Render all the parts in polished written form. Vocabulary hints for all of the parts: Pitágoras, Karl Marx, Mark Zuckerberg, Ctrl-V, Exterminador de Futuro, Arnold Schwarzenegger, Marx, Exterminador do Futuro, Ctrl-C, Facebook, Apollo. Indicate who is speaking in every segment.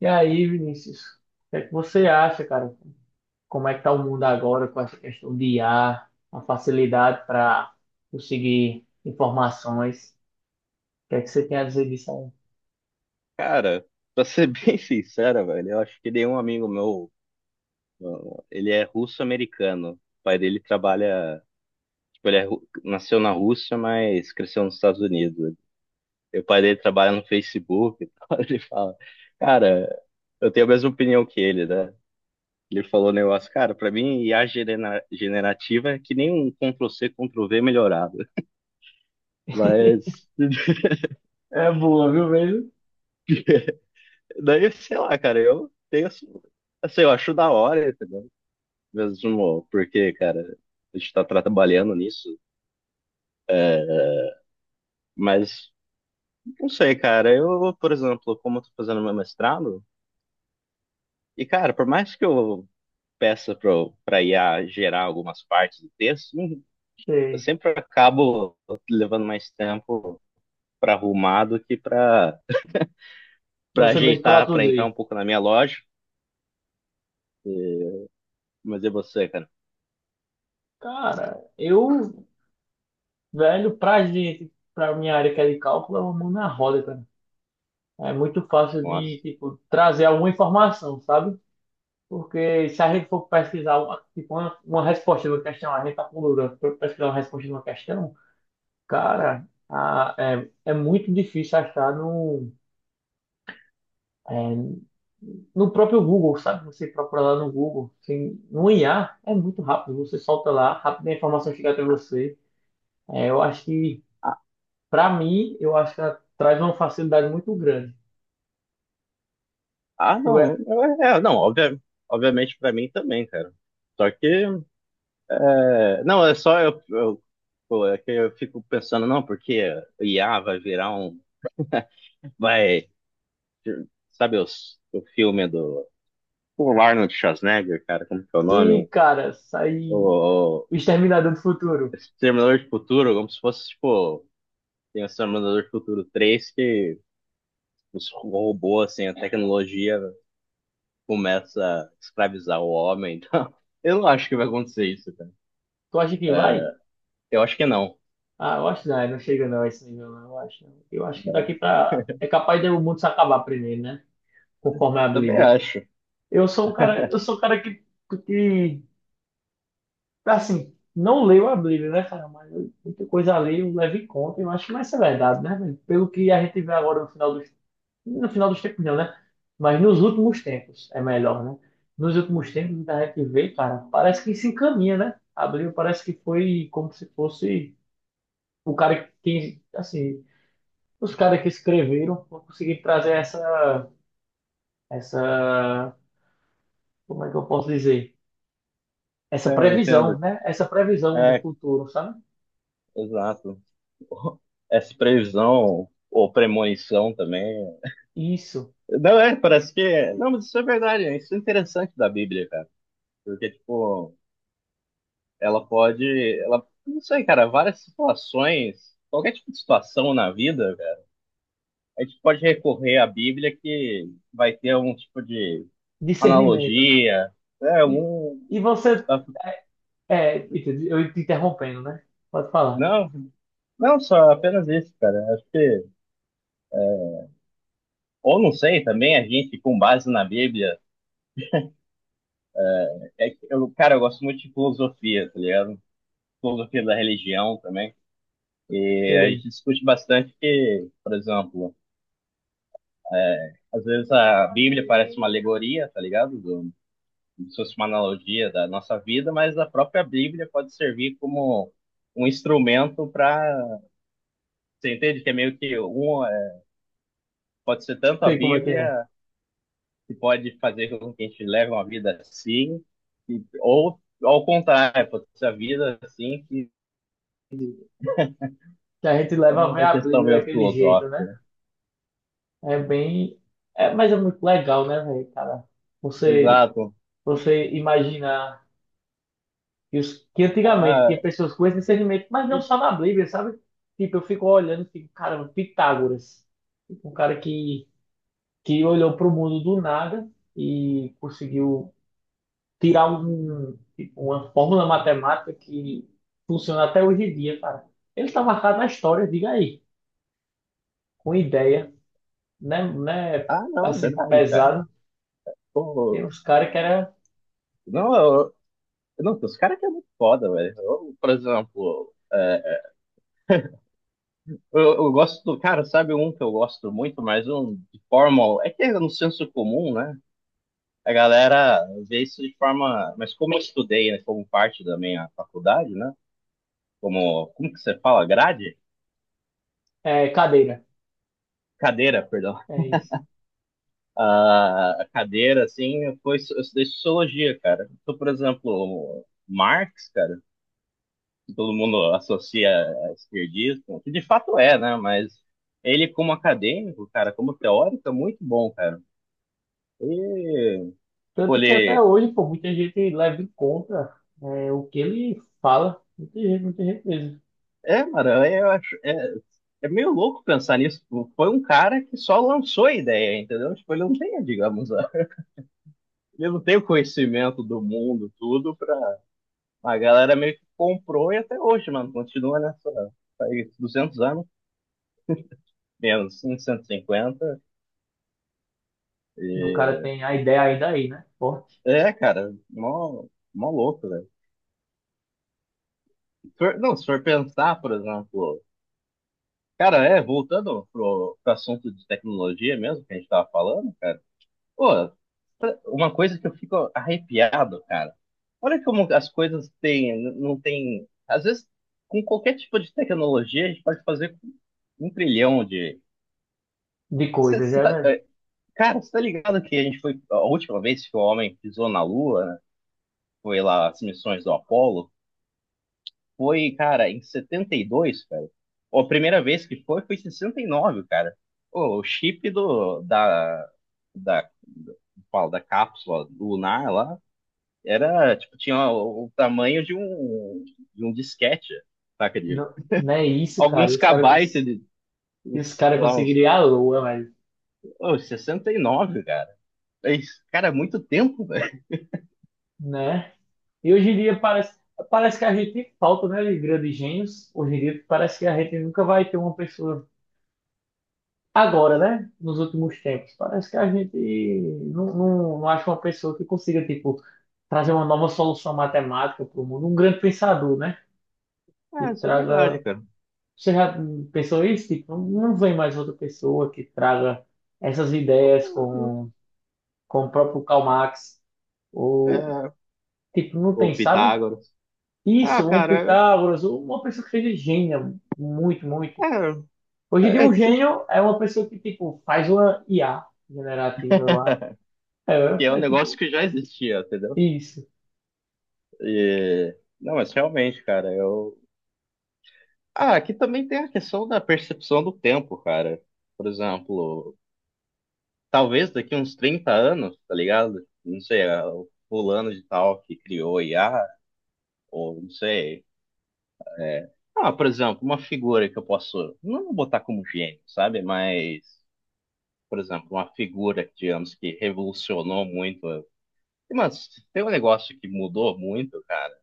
Speaker 1: E aí, Vinícius, o que é que você acha, cara? Como é que tá o mundo agora com essa questão de IA, a facilidade para conseguir informações? O que é que você tem a dizer disso
Speaker 2: Cara, pra ser bem sincera, velho, eu acho que nenhum amigo meu, ele é russo-americano. O pai dele trabalha, tipo, ele é, nasceu na Rússia, mas cresceu nos Estados Unidos. E o pai dele trabalha no Facebook e tal. Ele fala, cara, eu tenho a mesma opinião que ele, né? Ele falou um negócio, cara, pra mim I a generativa é que nem um Ctrl-C, Ctrl-V melhorado.
Speaker 1: aí?
Speaker 2: Mas,
Speaker 1: É boa, viu mesmo?
Speaker 2: daí, sei lá, cara, eu tenho, assim, eu acho da hora, mesmo, porque, cara, a gente tá trabalhando nisso, mas não sei, cara. Eu, por exemplo, como eu tô fazendo meu mestrado, e, cara, por mais que eu peça pra I a gerar algumas partes do texto, não- eu
Speaker 1: Sei.
Speaker 2: sempre acabo levando mais tempo pra arrumar do que pra
Speaker 1: Você mesmo
Speaker 2: ajeitar, pra entrar
Speaker 1: produzir.
Speaker 2: um pouco na minha lógica. Mas e você, cara?
Speaker 1: Cara, eu, velho, pra gente, pra minha área que é de cálculo, é uma mão na roda, cara. É muito fácil
Speaker 2: Nossa.
Speaker 1: de, tipo, trazer alguma informação, sabe? Porque se a gente for pesquisar uma, tipo, uma resposta de uma questão, a gente está com dúvida para pesquisar uma resposta de uma questão, cara, é, é muito difícil achar é, no próprio Google, sabe? Você procura lá no Google, assim, no IA é muito rápido, você solta lá, rápido a informação chega até você. É, eu acho
Speaker 2: Ah,
Speaker 1: para mim, eu acho que ela traz uma facilidade muito grande.
Speaker 2: ah,
Speaker 1: Eu é,
Speaker 2: não. É, é, não, obviamente pra mim também, cara. Só que. É, não, é só eu, pô, é que eu fico pensando, não, porque o IA vai virar um. Vai. Sabe o filme do. O Arnold Schwarzenegger, cara, como que é o
Speaker 1: se,
Speaker 2: nome?
Speaker 1: cara, sair
Speaker 2: O
Speaker 1: o Exterminador do Futuro,
Speaker 2: Exterminador de Futuro, como se fosse, tipo. Tem o Exterminador de Futuro 3 que os robôs, assim, a tecnologia começa a escravizar o homem. Então, eu não acho que vai acontecer isso, cara.
Speaker 1: tu acha que vai?
Speaker 2: Eu acho que não.
Speaker 1: Ah, eu acho que não, é, não chega não a esse nível, não, eu acho. Não. Eu acho que
Speaker 2: Né?
Speaker 1: daqui pra. É capaz de o mundo se acabar primeiro, né? Conforme a
Speaker 2: Também
Speaker 1: Bíblia.
Speaker 2: acho.
Speaker 1: Eu sou um cara que assim, não leio a Bíblia, né, cara? Mas eu- muita coisa ali eu levo em conta, eu acho que vai ser verdade, né, velho? Pelo que a gente vê agora no final dos. No final dos tempos não, né? Mas nos últimos tempos é melhor, né? Nos últimos tempos que a gente vê, cara, parece que se encaminha, né? A Bíblia parece que foi como se fosse o cara que, assim. Os caras que escreveram não conseguiram trazer essa, como é que eu posso dizer? Essa
Speaker 2: É, eu
Speaker 1: previsão,
Speaker 2: entendo.
Speaker 1: né? Essa previsão do
Speaker 2: É,
Speaker 1: futuro, sabe?
Speaker 2: exato. Essa previsão ou premonição também.
Speaker 1: Isso,
Speaker 2: Não é, parece que. É. Não, mas isso é verdade, né? Isso é interessante da Bíblia, cara. Porque, tipo, ela pode. Ela, não sei, cara, várias situações, qualquer tipo de situação na vida, cara, a gente pode recorrer à Bíblia que vai ter algum tipo de
Speaker 1: discernimento.
Speaker 2: analogia, é,
Speaker 1: E,
Speaker 2: algum.
Speaker 1: e você, é, é, Peter, eu te interrompendo, né? Pode falar.
Speaker 2: Não, não só apenas isso, cara. Acho que. Ou não sei, também a gente, com base na Bíblia. É que eu, cara, eu gosto muito de filosofia, tá ligado? Filosofia da religião também. E a
Speaker 1: Sei,
Speaker 2: gente discute bastante que, por exemplo, às vezes a Bíblia parece uma alegoria, tá ligado? Do, como se fosse uma analogia da nossa vida, mas a própria Bíblia pode servir como um instrumento para. Você entende que é meio que um. É, pode ser tanto a
Speaker 1: sei como é.
Speaker 2: Bíblia que pode fazer com que a gente leve uma vida assim, e, ou ao contrário, pode ser a vida assim, que
Speaker 1: Que a gente
Speaker 2: é
Speaker 1: leva a ver
Speaker 2: uma
Speaker 1: a
Speaker 2: questão
Speaker 1: Bíblia
Speaker 2: meio
Speaker 1: daquele jeito, né?
Speaker 2: filosófica.
Speaker 1: É bem. É, mas é muito legal, né, velho, cara? Você
Speaker 2: Exato.
Speaker 1: você imaginar que, os, que
Speaker 2: Ah,
Speaker 1: antigamente
Speaker 2: ah,
Speaker 1: tinha pessoas com esse discernimento, mas não só na Bíblia, sabe? Tipo, eu fico olhando e fico, caramba, Pitágoras. Tipo, um cara que olhou para o mundo do nada e conseguiu tirar um, tipo, uma fórmula matemática que funciona até hoje em dia, cara. Ele está marcado na história, diga aí, com ideia, né? Né,
Speaker 2: ah, não,
Speaker 1: assim,
Speaker 2: verdade, cara.
Speaker 1: pesado. Tem
Speaker 2: Pô,
Speaker 1: uns caras que era
Speaker 2: não, eu, não, os caras que é muito foda, velho. Eu, por exemplo, é, eu gosto do. Cara, sabe um que eu gosto muito, mas um de forma. É que é no senso comum, né? A galera vê isso de forma. Mas como eu estudei, né, como parte da minha faculdade, né? Como que você fala? Grade?
Speaker 1: é, cadeira.
Speaker 2: Cadeira, perdão.
Speaker 1: É isso.
Speaker 2: Ah, a cadeira, assim, foi, eu estudei sociologia, cara. Então, por exemplo, Marx, cara. Todo mundo associa a esquerdista, que de fato é, né? Mas ele, como acadêmico, cara, como teórico, é muito bom, cara. E, tipo,
Speaker 1: Tanto que até
Speaker 2: ele.
Speaker 1: hoje, pô, muita gente leva em conta é, o que ele fala. Muita gente mesmo.
Speaker 2: É, mano, eu acho. É meio louco pensar nisso. Foi um cara que só lançou a ideia, entendeu? Tipo, ele não tem, digamos, ele não tem o conhecimento do mundo, tudo, pra. A galera meio que comprou e até hoje, mano, continua nessa. Faz 200 anos, menos 150. E... cinquenta.
Speaker 1: E o cara
Speaker 2: E...
Speaker 1: tem a ideia ainda aí, né? Forte
Speaker 2: É, cara, mó louco, velho. Se for- Não, se for pensar, por exemplo, cara, é, voltando pro assunto de tecnologia mesmo que a gente tava falando, cara, pô, uma coisa que eu fico arrepiado, cara, olha como as coisas têm, não tem, às vezes, com qualquer tipo de tecnologia, a gente pode fazer um trilhão de,
Speaker 1: de
Speaker 2: Cê-
Speaker 1: coisa,
Speaker 2: cê
Speaker 1: já,
Speaker 2: tá-
Speaker 1: velho.
Speaker 2: é, cara, você tá ligado que a gente foi, a última vez que o homem pisou na Lua, né, foi lá as missões do Apollo, foi, cara, em 72, cara. Ó, a primeira vez que foi, foi em 69, cara. Ô, o chip do, da, da, fala, da cápsula lunar lá era, tipo, tinha o tamanho de um disquete, saca? De
Speaker 1: Não, não é isso, cara.
Speaker 2: alguns
Speaker 1: Esse cara,
Speaker 2: kbytes, de,
Speaker 1: esse
Speaker 2: uns,
Speaker 1: cara
Speaker 2: sei lá, uns,
Speaker 1: conseguiria a lua, velho.
Speaker 2: ô, 69 cara. É isso, cara, é muito tempo, velho.
Speaker 1: Né? E hoje em dia parece, parece que a gente falta, né, de grandes gênios. Hoje em dia parece que a gente nunca vai ter uma pessoa agora, né? Nos últimos tempos, parece que a gente não acha uma pessoa que consiga, tipo, trazer uma nova solução matemática para o mundo, um grande pensador, né? Que
Speaker 2: Ah, isso é verdade,
Speaker 1: traga.
Speaker 2: cara.
Speaker 1: Você já pensou isso? Tipo, não vem mais outra pessoa que traga essas ideias com o próprio Karl Marx, ou,
Speaker 2: É,
Speaker 1: tipo, não
Speaker 2: o
Speaker 1: tem, sabe?
Speaker 2: Pitágoras. Ah,
Speaker 1: Isso, um
Speaker 2: cara,
Speaker 1: Pitágoras, ou uma pessoa que seja gênio, muito, muito.
Speaker 2: é,
Speaker 1: Hoje em dia,
Speaker 2: é
Speaker 1: um
Speaker 2: que se
Speaker 1: gênio é uma pessoa que, tipo, faz uma IA generativa, é,
Speaker 2: que é um
Speaker 1: é
Speaker 2: negócio
Speaker 1: tipo,
Speaker 2: que já existia, entendeu?
Speaker 1: isso,
Speaker 2: E... não, mas realmente, cara, eu. Ah, aqui também tem a questão da percepção do tempo, cara. Por exemplo, talvez daqui uns 30 anos, tá ligado? Não sei, é o fulano de tal que criou I a IA, ou não sei. é, Ah, por exemplo, uma figura que eu posso. Não vou botar como gênio, sabe? Mas, por exemplo, uma figura, digamos, que revolucionou muito. Mas tem um negócio que mudou muito, cara.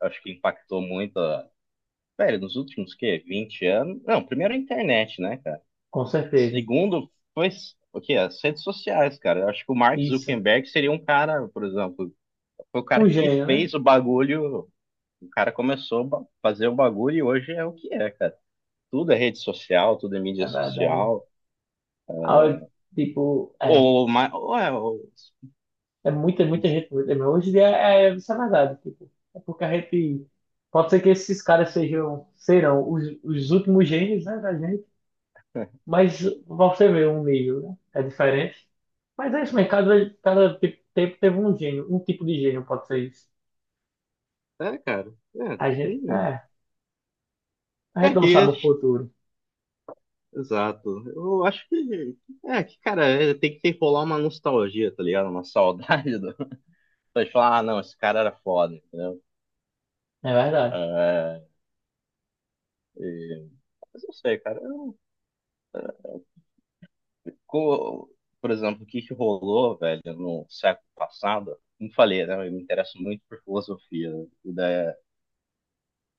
Speaker 2: Eu acho que impactou muito velho, nos últimos, que, 20 anos... Não, primeiro a internet, né, cara?
Speaker 1: com certeza.
Speaker 2: Segundo, foi o quê? As redes sociais, cara. Eu acho que o Mark
Speaker 1: Isso.
Speaker 2: Zuckerberg seria um cara, por exemplo, foi o cara
Speaker 1: Um
Speaker 2: que
Speaker 1: gênio, né?
Speaker 2: fez o bagulho, o cara começou a fazer o bagulho e hoje é o que é, cara. Tudo é rede social, tudo é mídia
Speaker 1: É verdade.
Speaker 2: social.
Speaker 1: A hora tipo, é.
Speaker 2: Ou, ou é,
Speaker 1: É muita, muita gente. Muita- mas hoje em dia é, é, isso é verdade. Tipo, é porque a gente. Pode ser que esses caras sejam, serão os últimos gênios, né, da gente, mas você vê um nível, né? É diferente. Mas é isso mesmo, cada te- tempo teve um gênio, um tipo de gênio, pode ser isso.
Speaker 2: é, cara. É,
Speaker 1: A gente, é, a
Speaker 2: é
Speaker 1: gente não sabe
Speaker 2: que,
Speaker 1: o futuro.
Speaker 2: exato. Eu acho que, é que, cara, é, tem que ter rolar uma nostalgia, tá ligado? Uma saudade. Então, falar ah, não, esse cara era foda, entendeu?
Speaker 1: É verdade.
Speaker 2: É, e- mas não sei, cara. Por exemplo, o que que rolou, velho, no século passado? Como falei, né? Eu me interesso muito por filosofia. Né, e da...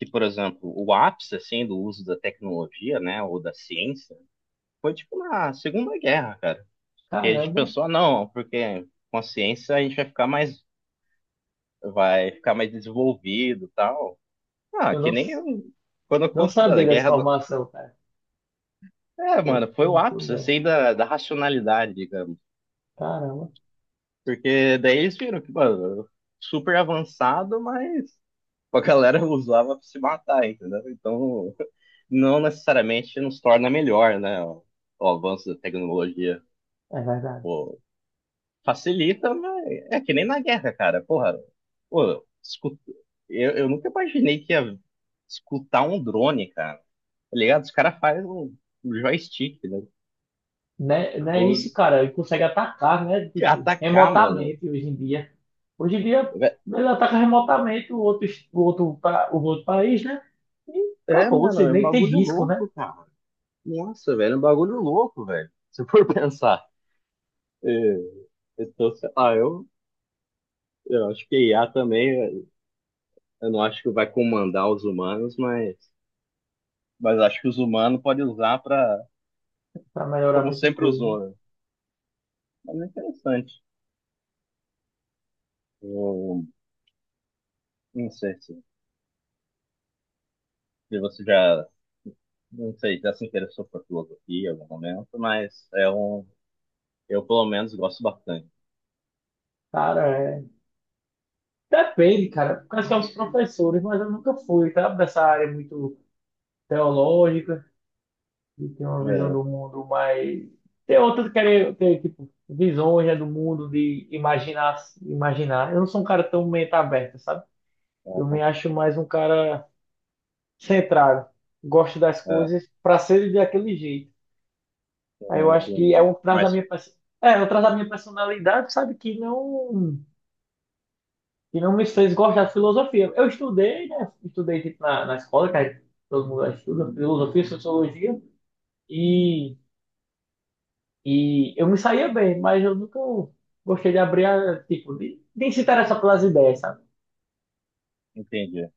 Speaker 2: Que, por exemplo, o ápice, assim, do uso da tecnologia, né? Ou da ciência, foi, tipo, na Segunda Guerra, cara. Porque a gente
Speaker 1: Caramba,
Speaker 2: pensou, ah, não, porque com a ciência a gente vai ficar mais, desenvolvido e tal. Ah,
Speaker 1: eu
Speaker 2: que
Speaker 1: não.
Speaker 2: nem eu, quando eu
Speaker 1: Não
Speaker 2: conto da
Speaker 1: sabia dessa
Speaker 2: guerra.
Speaker 1: informação, cara.
Speaker 2: É,
Speaker 1: Pô,
Speaker 2: mano, foi o
Speaker 1: informação
Speaker 2: ápice,
Speaker 1: boa.
Speaker 2: assim, da racionalidade, digamos.
Speaker 1: Caramba,
Speaker 2: Porque daí eles viram que, mano, super avançado, mas a galera usava pra se matar, entendeu? Então, não necessariamente nos torna melhor, né? O avanço da tecnologia,
Speaker 1: é verdade.
Speaker 2: pô, facilita, mas é que nem na guerra, cara. Porra, pô, eu nunca imaginei que ia escutar um drone, cara. Tá ligado? Os caras fazem um joystick, né?
Speaker 1: Né, né
Speaker 2: Vou
Speaker 1: isso, cara, ele consegue atacar, né? Tipo,
Speaker 2: atacar, mano.
Speaker 1: remotamente hoje em dia. Hoje em dia, ele ataca remotamente o outro, es- o outro, pa- o outro país, né? E
Speaker 2: É,
Speaker 1: acabou,
Speaker 2: mano,
Speaker 1: você
Speaker 2: é um
Speaker 1: nem tem
Speaker 2: bagulho
Speaker 1: risco, né?
Speaker 2: louco, cara. Nossa, velho, é um bagulho louco, velho. Se for pensar. É, então, sei lá, eu, acho que a IA também, eu não acho que vai comandar os humanos, mas acho que os humanos podem usar para,
Speaker 1: Pra melhorar
Speaker 2: como
Speaker 1: muita
Speaker 2: sempre
Speaker 1: coisa, né?
Speaker 2: usou, né? Mas é interessante. Eu não sei se você já, não sei, já se interessou por filosofia em algum momento, mas é um, eu pelo menos gosto bastante.
Speaker 1: Cara, é... Depende, cara. Porque são os professores, mas eu nunca fui, tá? Dessa área muito teológica. E tem uma visão
Speaker 2: É,
Speaker 1: do mundo mais. Tem outras que querem ter, tipo, visões, né, do mundo, de imaginar, imaginar. Eu não sou um cara tão mente aberta, sabe? Eu
Speaker 2: é,
Speaker 1: me acho mais um cara centrado. Gosto das
Speaker 2: é,
Speaker 1: coisas para ser daquele jeito. Aí eu
Speaker 2: é,
Speaker 1: acho que é
Speaker 2: entendi.
Speaker 1: um traz da
Speaker 2: Mas
Speaker 1: minha pers- é, eu traz da minha personalidade, sabe, que não me fez gostar de filosofia. Eu estudei, né? Estudei tipo, na escola, que aí todo mundo estuda filosofia, sociologia, E e eu me saía bem, mas eu nunca gostei de abrir, a, tipo, de se interessar pelas ideias, sabe?
Speaker 2: entendi.